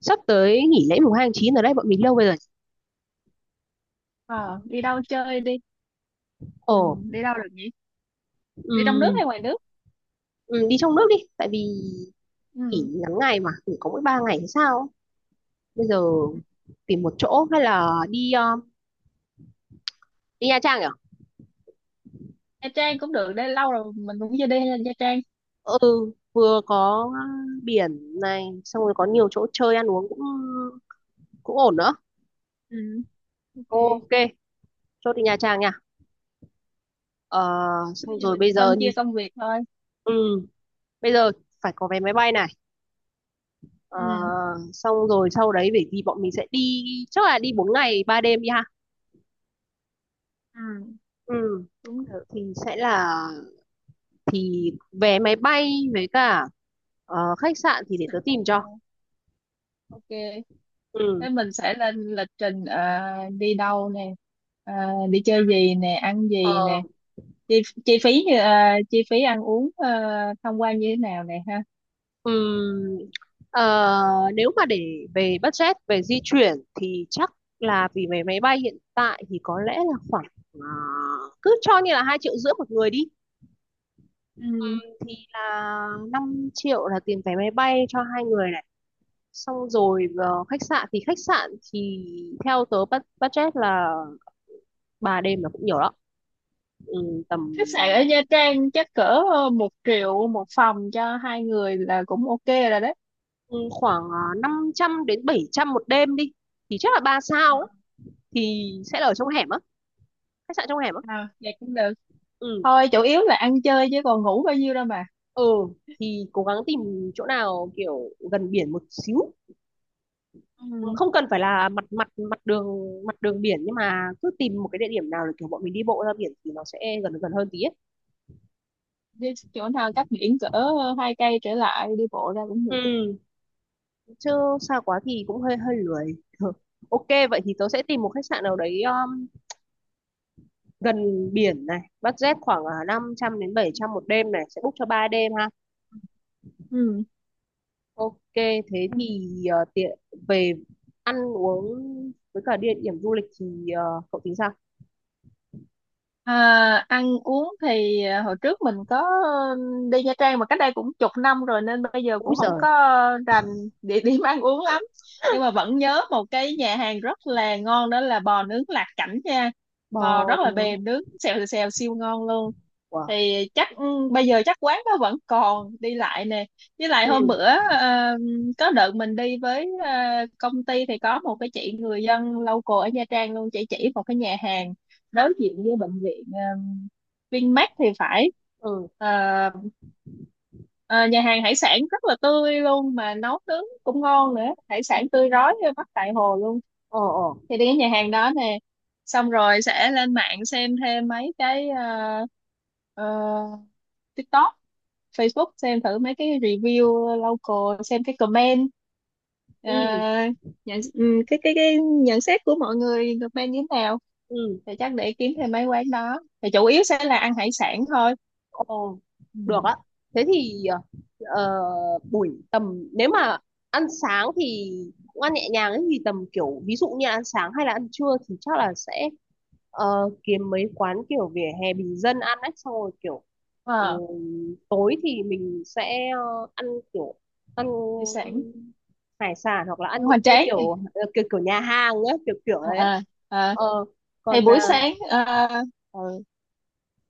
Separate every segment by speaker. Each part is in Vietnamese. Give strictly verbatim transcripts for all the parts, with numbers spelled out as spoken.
Speaker 1: Sắp tới nghỉ lễ mùng hai tháng chín ở đây bọn mình lâu bây giờ.
Speaker 2: Ờ, Đi đâu chơi đi. Ừ,
Speaker 1: Ồ.
Speaker 2: đi đâu được nhỉ? Đi trong nước
Speaker 1: ừm,
Speaker 2: hay ngoài nước?
Speaker 1: ừm, Đi trong nước đi, tại vì nghỉ
Speaker 2: Ừ.
Speaker 1: ngắn ngày, mà nghỉ có mỗi ba ngày thì sao. Bây giờ tìm một chỗ hay là đi ờ, đi Nha Trang nhỉ.
Speaker 2: Nha Trang cũng được, đây lâu rồi mình cũng chưa đi Nha Trang.
Speaker 1: Ừ, vừa có biển này, xong rồi có nhiều chỗ chơi ăn uống cũng cũng ổn nữa.
Speaker 2: Ừ, ok. Thế
Speaker 1: Ok, chốt đi Nha Trang nha. Ờ,
Speaker 2: bây
Speaker 1: xong
Speaker 2: giờ
Speaker 1: rồi
Speaker 2: mình
Speaker 1: bây giờ
Speaker 2: phân
Speaker 1: như...
Speaker 2: chia công việc thôi.
Speaker 1: Ừ, bây giờ phải có vé máy bay này. Ờ,
Speaker 2: Ừ.
Speaker 1: xong rồi sau đấy bởi vì bọn mình sẽ đi, chắc là đi bốn ngày ba đêm đi ha.
Speaker 2: Ừ,
Speaker 1: Ừ,
Speaker 2: cũng được.
Speaker 1: thì sẽ là... thì vé máy bay với cả ờ, khách sạn thì để tớ tìm cho.
Speaker 2: Sẵn. Ok,
Speaker 1: Ừ.
Speaker 2: thế mình sẽ lên lịch trình, ờ, đi đâu nè, ờ, đi chơi gì nè, ăn
Speaker 1: ờ,
Speaker 2: gì nè, chi, chi phí như ờ, chi phí ăn uống, ờ, tham quan như thế nào nè, ha?
Speaker 1: ừm, ờ, Nếu mà để về budget về di chuyển thì chắc là vì vé máy bay hiện tại thì có lẽ là khoảng ờ, cứ cho như là hai triệu rưỡi một người đi,
Speaker 2: Ừ.
Speaker 1: thì là năm triệu là tiền vé máy bay cho hai người này. Xong rồi ờ, khách sạn thì khách sạn thì theo tớ bu- budget là ba đêm là cũng nhiều lắm. Ừ, tầm
Speaker 2: Khách sạn ở Nha Trang chắc cỡ ờ, một triệu một phòng cho hai người là cũng ok rồi đấy.
Speaker 1: ừ, khoảng ờ, năm trăm đến bảy trăm một đêm đi, thì chắc là ba
Speaker 2: Ờ,
Speaker 1: sao á, thì sẽ là ở trong hẻm á, khách sạn trong hẻm á.
Speaker 2: à, vậy cũng được,
Speaker 1: Ừ.
Speaker 2: thôi chủ yếu là ăn chơi chứ còn ngủ bao nhiêu đâu mà.
Speaker 1: Ừ, thì cố gắng tìm chỗ nào kiểu gần biển một xíu.
Speaker 2: Ừ.
Speaker 1: Không cần phải là mặt mặt mặt đường, mặt đường biển, nhưng mà cứ tìm một cái địa điểm nào để kiểu bọn mình đi bộ ra biển thì nó sẽ gần gần hơn tí ấy.
Speaker 2: Đi chỗ nào cách biển cỡ ờ, hai cây trở lại, đi bộ ra cũng được.
Speaker 1: Ừ, chứ xa quá thì cũng hơi hơi lười. Ừ. Ok, vậy thì tớ sẽ tìm một khách sạn nào đấy um, gần biển này, budget khoảng uh, năm trăm đến bảy trăm một đêm này, sẽ book cho ba đêm ha. Ok, thế
Speaker 2: Ừ.
Speaker 1: thì ờ, tiện về ăn uống với cả địa điểm du lịch thì ờ, cậu tính sao?
Speaker 2: À, ăn uống thì à, hồi trước mình có ừm, đi Nha Trang mà cách đây cũng chục năm rồi nên bây giờ
Speaker 1: Úi
Speaker 2: cũng không
Speaker 1: giời!
Speaker 2: có rành địa điểm ăn uống lắm. Nhưng mà vẫn nhớ một cái nhà hàng rất là ngon, đó là bò nướng Lạc Cảnh nha. Bò
Speaker 1: Bò
Speaker 2: rất là
Speaker 1: nướng.
Speaker 2: mềm, nướng xèo xèo siêu ngon luôn.
Speaker 1: Wow.
Speaker 2: Thì chắc ừm, bây giờ chắc quán đó vẫn còn, đi lại nè. Với lại
Speaker 1: Ừ.
Speaker 2: hôm bữa ờ, có đợt mình đi với ờ, công ty thì có một cái chị người dân local ở Nha Trang luôn, chị chỉ một cái nhà hàng đối diện với bệnh viện uh, Vinmec thì phải.
Speaker 1: Ừ.
Speaker 2: Ờ, ờ, nhà hàng hải sản rất là tươi luôn mà nấu nướng cũng ngon nữa. Hải sản tươi rói bắt tại hồ luôn.
Speaker 1: Ờ. Ờ.
Speaker 2: Thì đi cái nhà hàng đó nè, xong rồi sẽ lên mạng xem thêm mấy cái ờ, ờ, TikTok, Facebook, xem thử mấy cái review local, xem cái comment. Ờ,
Speaker 1: Ừ.
Speaker 2: nhận, ừ, cái cái cái nhận xét của mọi người comment như thế nào,
Speaker 1: Ừ.
Speaker 2: thì chắc để kiếm thêm mấy quán đó. Thì chủ yếu sẽ là ăn hải sản thôi.
Speaker 1: Ờ.
Speaker 2: Ừ.
Speaker 1: Được á. Thế thì ờ, ờ, buổi tầm, nếu mà ăn sáng thì cũng ăn nhẹ nhàng ấy, thì tầm kiểu, ví dụ như ăn sáng hay là ăn trưa thì chắc là sẽ ờ, kiếm mấy quán kiểu vỉa hè bình dân ăn ấy, xong rồi kiểu... Ừ,
Speaker 2: Ờ,
Speaker 1: tối thì mình sẽ ờ, ăn kiểu, ăn
Speaker 2: hải sản
Speaker 1: hải sản hoặc là
Speaker 2: ăn
Speaker 1: ăn những
Speaker 2: hoành
Speaker 1: cái
Speaker 2: tráng.
Speaker 1: kiểu ờ, kiểu kiểu nhà hàng á, kiểu kiểu ấy.
Speaker 2: À, à, à.
Speaker 1: Ờ.
Speaker 2: Thì
Speaker 1: Còn
Speaker 2: buổi
Speaker 1: à,
Speaker 2: sáng ờ, ừ,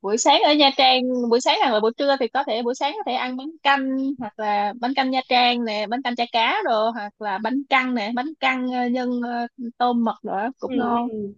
Speaker 2: buổi sáng ở Nha Trang, buổi sáng hoặc là buổi trưa, thì có thể buổi sáng có thể ăn bánh canh, hoặc là bánh canh Nha Trang nè, bánh canh chả cá đồ, hoặc là bánh căn nè, bánh căn ờ, nhân ờ, tôm mực rồi cũng
Speaker 1: ừ,
Speaker 2: ngon.
Speaker 1: ừ,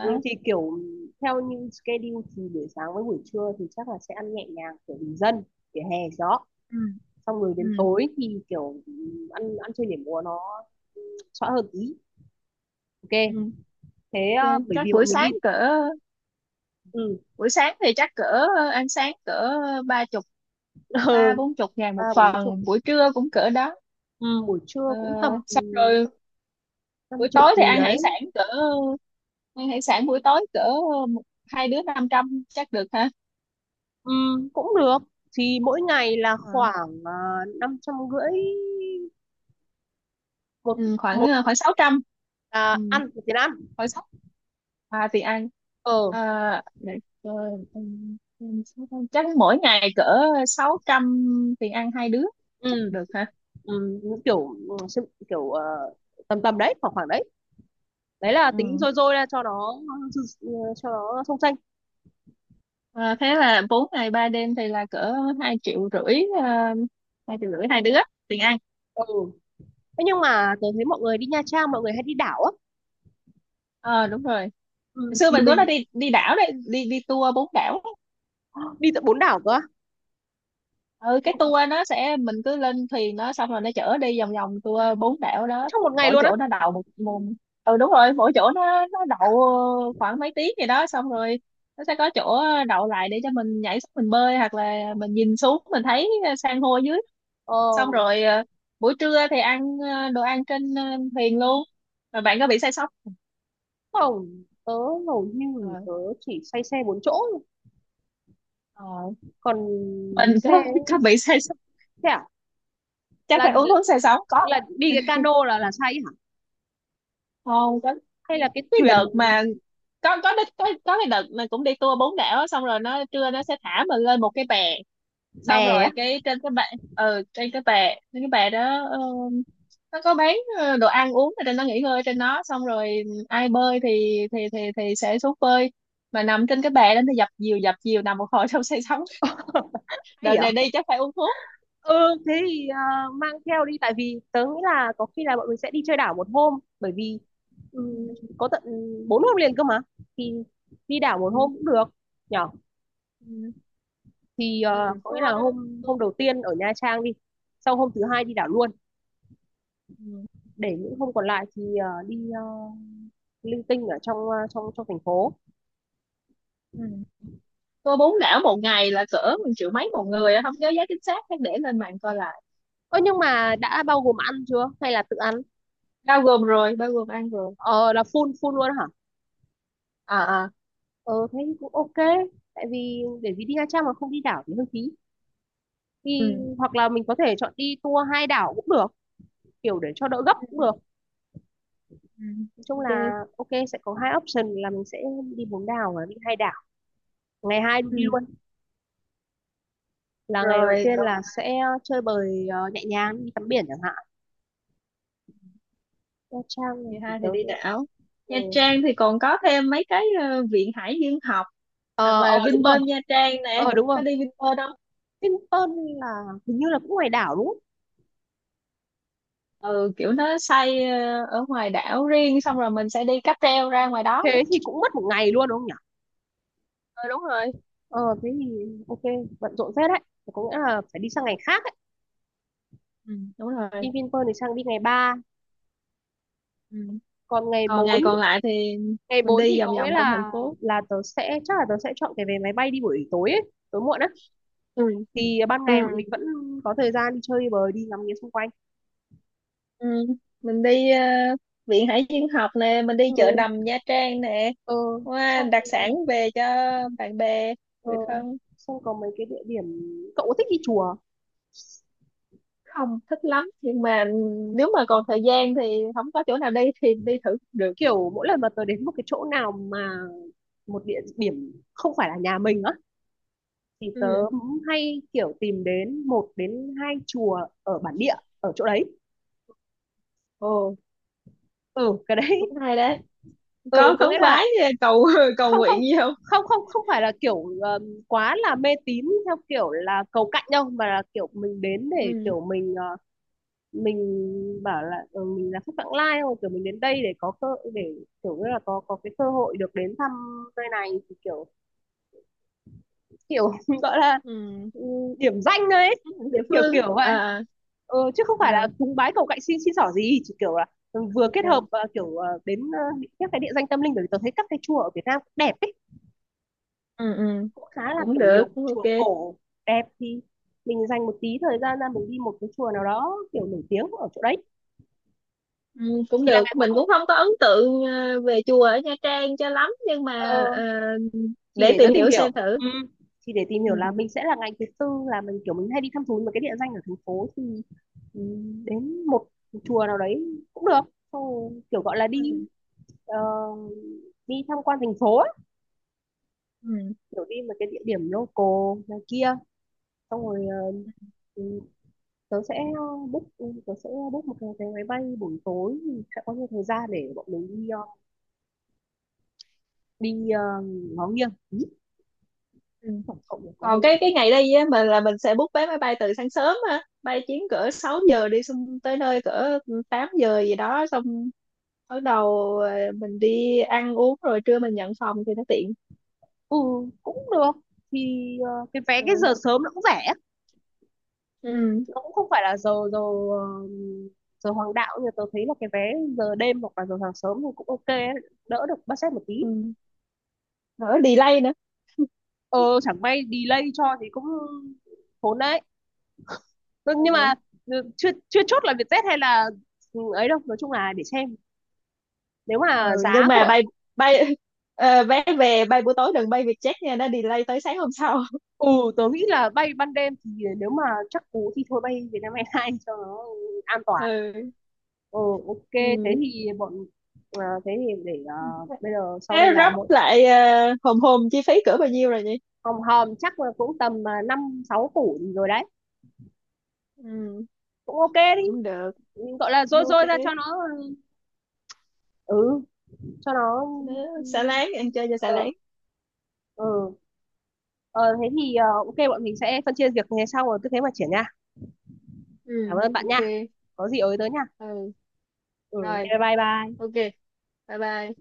Speaker 1: ừ, thì kiểu theo như schedule thì buổi sáng với buổi trưa thì chắc là sẽ ăn nhẹ nhàng kiểu bình dân vỉa hè gió,
Speaker 2: Ừ.
Speaker 1: xong rồi đến
Speaker 2: Ừ.
Speaker 1: tối thì kiểu ừ, ăn ăn chơi nhảy múa nó xóa hơn tí. Ok,
Speaker 2: Ừ.
Speaker 1: thế ờ,
Speaker 2: Ok.
Speaker 1: bởi
Speaker 2: Chắc
Speaker 1: vì
Speaker 2: buổi
Speaker 1: bọn mình đi.
Speaker 2: sáng cỡ,
Speaker 1: Ừ.
Speaker 2: buổi sáng thì chắc cỡ ờ, ăn sáng cỡ ờ, ba chục, ba
Speaker 1: Ừ,
Speaker 2: bốn chục ngàn
Speaker 1: ba
Speaker 2: một
Speaker 1: bốn chục.
Speaker 2: phần, buổi trưa cũng cỡ đó.
Speaker 1: Ừ, buổi trưa
Speaker 2: Ờ,
Speaker 1: cũng tầm ừ,
Speaker 2: xong rồi
Speaker 1: năm
Speaker 2: buổi
Speaker 1: chục
Speaker 2: tối thì
Speaker 1: gì
Speaker 2: ăn
Speaker 1: đấy.
Speaker 2: hải sản cỡ, ăn hải sản buổi tối cỡ một- hai đứa năm trăm chắc được ha.
Speaker 1: Ừ, cũng được, thì mỗi ngày là
Speaker 2: Ờ,
Speaker 1: khoảng uh, năm trăm rưỡi một
Speaker 2: ừ, khoảng
Speaker 1: một
Speaker 2: khoảng sáu trăm.
Speaker 1: à,
Speaker 2: Ừ,
Speaker 1: ăn một tiền ăn.
Speaker 2: khoảng sáu À thì ăn,
Speaker 1: Ờ.
Speaker 2: à, để coi, ừ, ừ, sáu trăm. Chắc mỗi ngày cỡ sáu trăm tiền ăn hai đứa chắc
Speaker 1: Ừ.
Speaker 2: được ha.
Speaker 1: Ừ, kiểu ừ, sự- kiểu ờ, tầm tầm đấy, khoảng khoảng đấy, đấy là tính
Speaker 2: Ừ.
Speaker 1: rồi rồi ra cho nó, cho nó sông xanh.
Speaker 2: Ờ, thế là bốn ngày ba đêm thì là cỡ hai triệu rưỡi, uh, hai triệu rưỡi hai đứa tiền ăn.
Speaker 1: Ừ. Thế nhưng mà tớ thấy mọi người đi Nha Trang mọi người hay đi đảo á.
Speaker 2: Ờ đúng rồi, hồi
Speaker 1: Ừ,
Speaker 2: xưa
Speaker 1: thì
Speaker 2: mình cũng đã
Speaker 1: mình
Speaker 2: đi đi đảo đấy, đi đi tour bốn đảo.
Speaker 1: đi tận bốn đảo cơ á.
Speaker 2: Ừ, cái
Speaker 1: Bốn-
Speaker 2: tour nó sẽ mình cứ lên thuyền nó, xong rồi nó chở đi vòng vòng tour bốn đảo đó.
Speaker 1: Trong một ngày
Speaker 2: Mỗi
Speaker 1: luôn á.
Speaker 2: chỗ nó đầu một, một Ừ đúng rồi, mỗi chỗ nó nó đậu khoảng mấy tiếng gì đó, xong rồi nó sẽ có chỗ đậu lại để cho mình nhảy xuống mình bơi, hoặc là mình nhìn xuống mình thấy ờ, san hô dưới.
Speaker 1: Ờ,
Speaker 2: Xong rồi ờ, buổi trưa thì ăn ờ, đồ ăn trên ờ, thuyền luôn. Rồi bạn có bị say sóng?
Speaker 1: không, tớ hầu
Speaker 2: ờ,
Speaker 1: như tớ chỉ say xe bốn chỗ,
Speaker 2: ờ,
Speaker 1: còn
Speaker 2: mình có
Speaker 1: xe,
Speaker 2: có bị say sóng,
Speaker 1: xe à?
Speaker 2: chắc
Speaker 1: là
Speaker 2: phải uống thuốc say sóng. Có
Speaker 1: là đi cái cano là là say hả?
Speaker 2: không có
Speaker 1: Hay là cái
Speaker 2: cái
Speaker 1: thuyền?
Speaker 2: đợt mà, có có đích- có có cái đợt mà cũng đi tour bốn đảo á, xong rồi nó trưa nó sẽ thả mình lên một cái bè, xong
Speaker 1: Bè á?
Speaker 2: rồi cái trên cái bệ. Ừ, trên cái bè, trên cái bè đó ờ, nó có bán ờ, đồ ăn uống ở trên đó, nghỉ ngơi ở trên đó, xong rồi ai bơi thì thì thì thì sẽ xuống bơi. Mà nằm trên cái bè đó thì dập dìu dập dìu nằm một hồi xong say sóng.
Speaker 1: Hay
Speaker 2: Đợt
Speaker 1: hả?
Speaker 2: này đi chắc phải uống thuốc.
Speaker 1: Ừ, thế thì ờ, mang theo đi, tại vì tớ nghĩ là có khi là bọn mình sẽ đi chơi đảo một hôm, bởi vì ừm,
Speaker 2: Ừ.
Speaker 1: có tận bốn hôm liền cơ mà, thì đi đảo một
Speaker 2: Ừ.
Speaker 1: hôm cũng được nhở.
Speaker 2: Ừ.
Speaker 1: Thì
Speaker 2: Ừ.
Speaker 1: ờ, có nghĩa là
Speaker 2: Tour,
Speaker 1: hôm,
Speaker 2: tour.
Speaker 1: hôm đầu tiên ở Nha Trang đi, sau hôm thứ hai đi đảo luôn,
Speaker 2: Ừ.
Speaker 1: để những hôm còn lại thì ờ, đi ờ, linh tinh ở trong ờ, trong trong thành phố.
Speaker 2: Ừ. Tour bốn đảo một ngày là cỡ một triệu mấy một người á, không nhớ giá chính xác chắc để lên mạng coi lại.
Speaker 1: Ơ, nhưng mà đã bao gồm ăn chưa hay là tự ăn?
Speaker 2: Bao gồm rồi, bao gồm ăn rồi.
Speaker 1: Ờ, là full full luôn hả?
Speaker 2: À à.
Speaker 1: Ờ, thế thì cũng ok. Tại vì để, vì đi Nha Trang mà không đi đảo thì hơi phí. Thì
Speaker 2: Ừ.
Speaker 1: hoặc là mình có thể chọn đi tour hai đảo cũng được, kiểu để cho đỡ gấp
Speaker 2: Ừ,
Speaker 1: cũng
Speaker 2: ừ.
Speaker 1: được.
Speaker 2: Ừ.
Speaker 1: Nói chung
Speaker 2: Ok.
Speaker 1: là ok, sẽ có hai option là mình sẽ đi bốn đảo và đi hai đảo. Ngày hai
Speaker 2: Ừ
Speaker 1: đi luôn, là ngày đầu
Speaker 2: rồi.
Speaker 1: tiên
Speaker 2: Còn
Speaker 1: là sẽ chơi bời ờ, nhẹ nhàng đi tắm biển chẳng hạn. Nha Trang này
Speaker 2: ngày
Speaker 1: thì
Speaker 2: hai
Speaker 1: tớ...
Speaker 2: thì đi đảo.
Speaker 1: ờ,
Speaker 2: Nha Trang thì còn có thêm mấy cái ờ, viện hải dương học,
Speaker 1: ờ,
Speaker 2: hoặc
Speaker 1: ờ,
Speaker 2: là
Speaker 1: đúng
Speaker 2: Vinpearl
Speaker 1: rồi.
Speaker 2: Nha Trang nè.
Speaker 1: Ờ, đúng rồi.
Speaker 2: Có đi Vinpearl không?
Speaker 1: Vinpearl là hình như là cũng ngoài đảo đúng không?
Speaker 2: Ừ, kiểu nó xây ờ, ở ngoài đảo riêng, xong rồi mình sẽ đi cáp treo ra ngoài đó.
Speaker 1: Thế thì cũng mất một ngày luôn đúng không nhỉ.
Speaker 2: Ừ, đúng rồi.
Speaker 1: Ờ, thế thì ok, bận rộn phết đấy. Thế có nghĩa là phải đi sang
Speaker 2: Ừ,
Speaker 1: ngày khác ấy.
Speaker 2: ừ, đúng rồi.
Speaker 1: Đi Vinpearl thì sang đi ngày ba,
Speaker 2: Ừ.
Speaker 1: còn ngày
Speaker 2: Còn
Speaker 1: bốn
Speaker 2: ngày còn lại thì
Speaker 1: ngày
Speaker 2: mình
Speaker 1: bốn thì
Speaker 2: đi vòng
Speaker 1: có nghĩa
Speaker 2: vòng trong thành
Speaker 1: là
Speaker 2: phố.
Speaker 1: là tớ sẽ, chắc là tớ sẽ chọn cái vé máy bay đi buổi tối ấy, tối muộn á,
Speaker 2: Ừ.
Speaker 1: thì ban ngày bọn
Speaker 2: Ừ.
Speaker 1: mình vẫn có thời gian đi chơi đi bời đi ngắm nghía xung quanh.
Speaker 2: Ừ. Mình đi ờ, viện hải dương học nè, mình đi
Speaker 1: Ừ.
Speaker 2: chợ đầm Nha Trang nè,
Speaker 1: Ờ,
Speaker 2: qua
Speaker 1: xong.
Speaker 2: đặc sản về cho bạn bè,
Speaker 1: Ờ,
Speaker 2: người thân.
Speaker 1: xong có mấy cái địa điểm. Cậu có thích đi chùa?
Speaker 2: Không thích lắm nhưng mà nếu mà còn thời gian thì không có chỗ nào đi thì đi thử cũng được.
Speaker 1: Kiểu mỗi lần mà tớ đến một cái chỗ nào, mà một địa điểm không phải là nhà mình á, thì tớ
Speaker 2: Ừ.
Speaker 1: hay kiểu tìm đến một đến hai chùa ở bản địa ở chỗ đấy.
Speaker 2: Ồ,
Speaker 1: Ừ, cái đấy.
Speaker 2: cũng hay đấy.
Speaker 1: Ừ,
Speaker 2: Có
Speaker 1: có
Speaker 2: khấn
Speaker 1: nghĩa là...
Speaker 2: vái ờ, cầu cầu
Speaker 1: Không,
Speaker 2: nguyện
Speaker 1: không,
Speaker 2: gì không?
Speaker 1: không, không, không phải là kiểu ờm, quá là mê tín theo kiểu là cầu cạnh đâu, mà là kiểu mình đến để
Speaker 2: Ừ,
Speaker 1: kiểu mình ờ, mình bảo là ừ, mình là khách vãng lai, không, kiểu mình đến đây để có cơ, để kiểu như là có có cái cơ hội được đến thăm nơi này, thì kiểu kiểu gọi là
Speaker 2: ừ.
Speaker 1: ừ, điểm danh đấy.
Speaker 2: Địa
Speaker 1: Kiểu
Speaker 2: phương,
Speaker 1: kiểu vậy.
Speaker 2: à,
Speaker 1: Ừ, chứ không
Speaker 2: à,
Speaker 1: phải là cúng bái cầu cạnh xin xin xỏ gì, chỉ kiểu là vừa kết
Speaker 2: à.
Speaker 1: hợp ờ, kiểu ờ, đến ờ, các cái địa danh tâm linh, bởi vì tôi thấy các cái chùa ở Việt Nam cũng đẹp ấy,
Speaker 2: Ừ. Ừ,
Speaker 1: cũng khá là
Speaker 2: cũng
Speaker 1: kiểu
Speaker 2: được,
Speaker 1: nhiều
Speaker 2: cũng ok.
Speaker 1: chùa cổ đẹp, thì mình dành một tí thời gian ra mình đi một cái chùa nào đó kiểu nổi tiếng ở chỗ đấy.
Speaker 2: Ừ, cũng
Speaker 1: Chỉ là ngày
Speaker 2: được,
Speaker 1: cuối
Speaker 2: mình
Speaker 1: cùng
Speaker 2: cũng không có ấn tượng ờ, về chùa ở Nha Trang cho lắm, nhưng mà
Speaker 1: ờ,
Speaker 2: ờ,
Speaker 1: chỉ
Speaker 2: để
Speaker 1: để nó
Speaker 2: tìm
Speaker 1: tìm
Speaker 2: hiểu
Speaker 1: hiểu.
Speaker 2: xem thử.
Speaker 1: Ừ. Chỉ để tìm hiểu là
Speaker 2: Ừ.
Speaker 1: mình sẽ là ngày thứ tư là mình kiểu mình hay đi thăm thú một cái địa danh ở thành phố thì ừ, đến một chùa nào đấy cũng được. Xong rồi kiểu gọi là đi
Speaker 2: Ừ.
Speaker 1: ờ, đi tham quan thành phố á,
Speaker 2: Ừ.
Speaker 1: kiểu đi một cái địa điểm local này kia, xong rồi ờ, ừ, tớ sẽ book ừ, tớ sẽ book một cái vé máy bay buổi tối thì sẽ có nhiều thời gian để bọn mình đi ờ, đi ờ, ngó nghiêng Ý,
Speaker 2: Ừ.
Speaker 1: tổng cộng là có
Speaker 2: Còn
Speaker 1: mấy.
Speaker 2: cái cái ngày đi á, mình là mình sẽ book vé máy bay từ sáng sớm á, bay chuyến cỡ sáu giờ đi, xong tới nơi cỡ tám giờ gì đó, xong bắt đầu ờ, mình đi ăn uống rồi trưa mình nhận phòng thì nó tiện.
Speaker 1: Ừ, cũng được, thì ờ, cái vé cái
Speaker 2: Ừ.
Speaker 1: giờ sớm nó cũng rẻ,
Speaker 2: Ừ.
Speaker 1: nó cũng không phải là giờ giờ ờ, giờ hoàng đạo, nhưng mà tớ thấy là cái vé giờ đêm hoặc là giờ sáng sớm thì cũng ok ấy, đỡ được budget một tí.
Speaker 2: Ừ. Đỡ delay nữa.
Speaker 1: Ờ, chẳng may delay cho thì cũng khốn đấy. Ừ, nhưng mà
Speaker 2: Ừ.
Speaker 1: ừ, chưa chưa chốt là Vietjet hay là ừ, ấy đâu, nói chung là để xem nếu
Speaker 2: Ừ.
Speaker 1: mà
Speaker 2: Nhưng
Speaker 1: giá
Speaker 2: mà
Speaker 1: của...
Speaker 2: bay bay ờ, vé về bay buổi tối đừng bay Vietjet nha, nó delay tới sáng hôm sau.
Speaker 1: Ừ, tớ nghĩ là bay ban đêm thì nếu mà chắc cú thì thôi bay Vietnam Airlines cho nó an toàn.
Speaker 2: Ừ.
Speaker 1: Ừ. Ok, thế
Speaker 2: Ừ.
Speaker 1: thì bọn ờ, thế thì để ờ, bây giờ sau đây
Speaker 2: Thế
Speaker 1: là
Speaker 2: rắp
Speaker 1: một...
Speaker 2: lại ờ, hòm hòm chi phí cỡ bao nhiêu rồi nhỉ?
Speaker 1: Hòm hòm chắc là cũng tầm ờ, năm sáu củ rồi đấy.
Speaker 2: Ừ.
Speaker 1: Cũng ok đi.
Speaker 2: Cũng được.
Speaker 1: Mình gọi là rôi
Speaker 2: Ok.
Speaker 1: rôi ra cho nó. Ừ, cho nó
Speaker 2: Đó,
Speaker 1: ừ,
Speaker 2: xả láng, ăn chơi cho xả láng.
Speaker 1: ừ. Ờ, thế thì ờ, ok, bọn mình sẽ phân chia việc như thế, xong rồi cứ thế mà triển nha.
Speaker 2: Ừ.
Speaker 1: Cảm ơn bạn
Speaker 2: Ok.
Speaker 1: nha. Có gì ới tới nha.
Speaker 2: Ừ
Speaker 1: Ừ,
Speaker 2: rồi.
Speaker 1: ok, bye bye.
Speaker 2: Ok. Bye bye.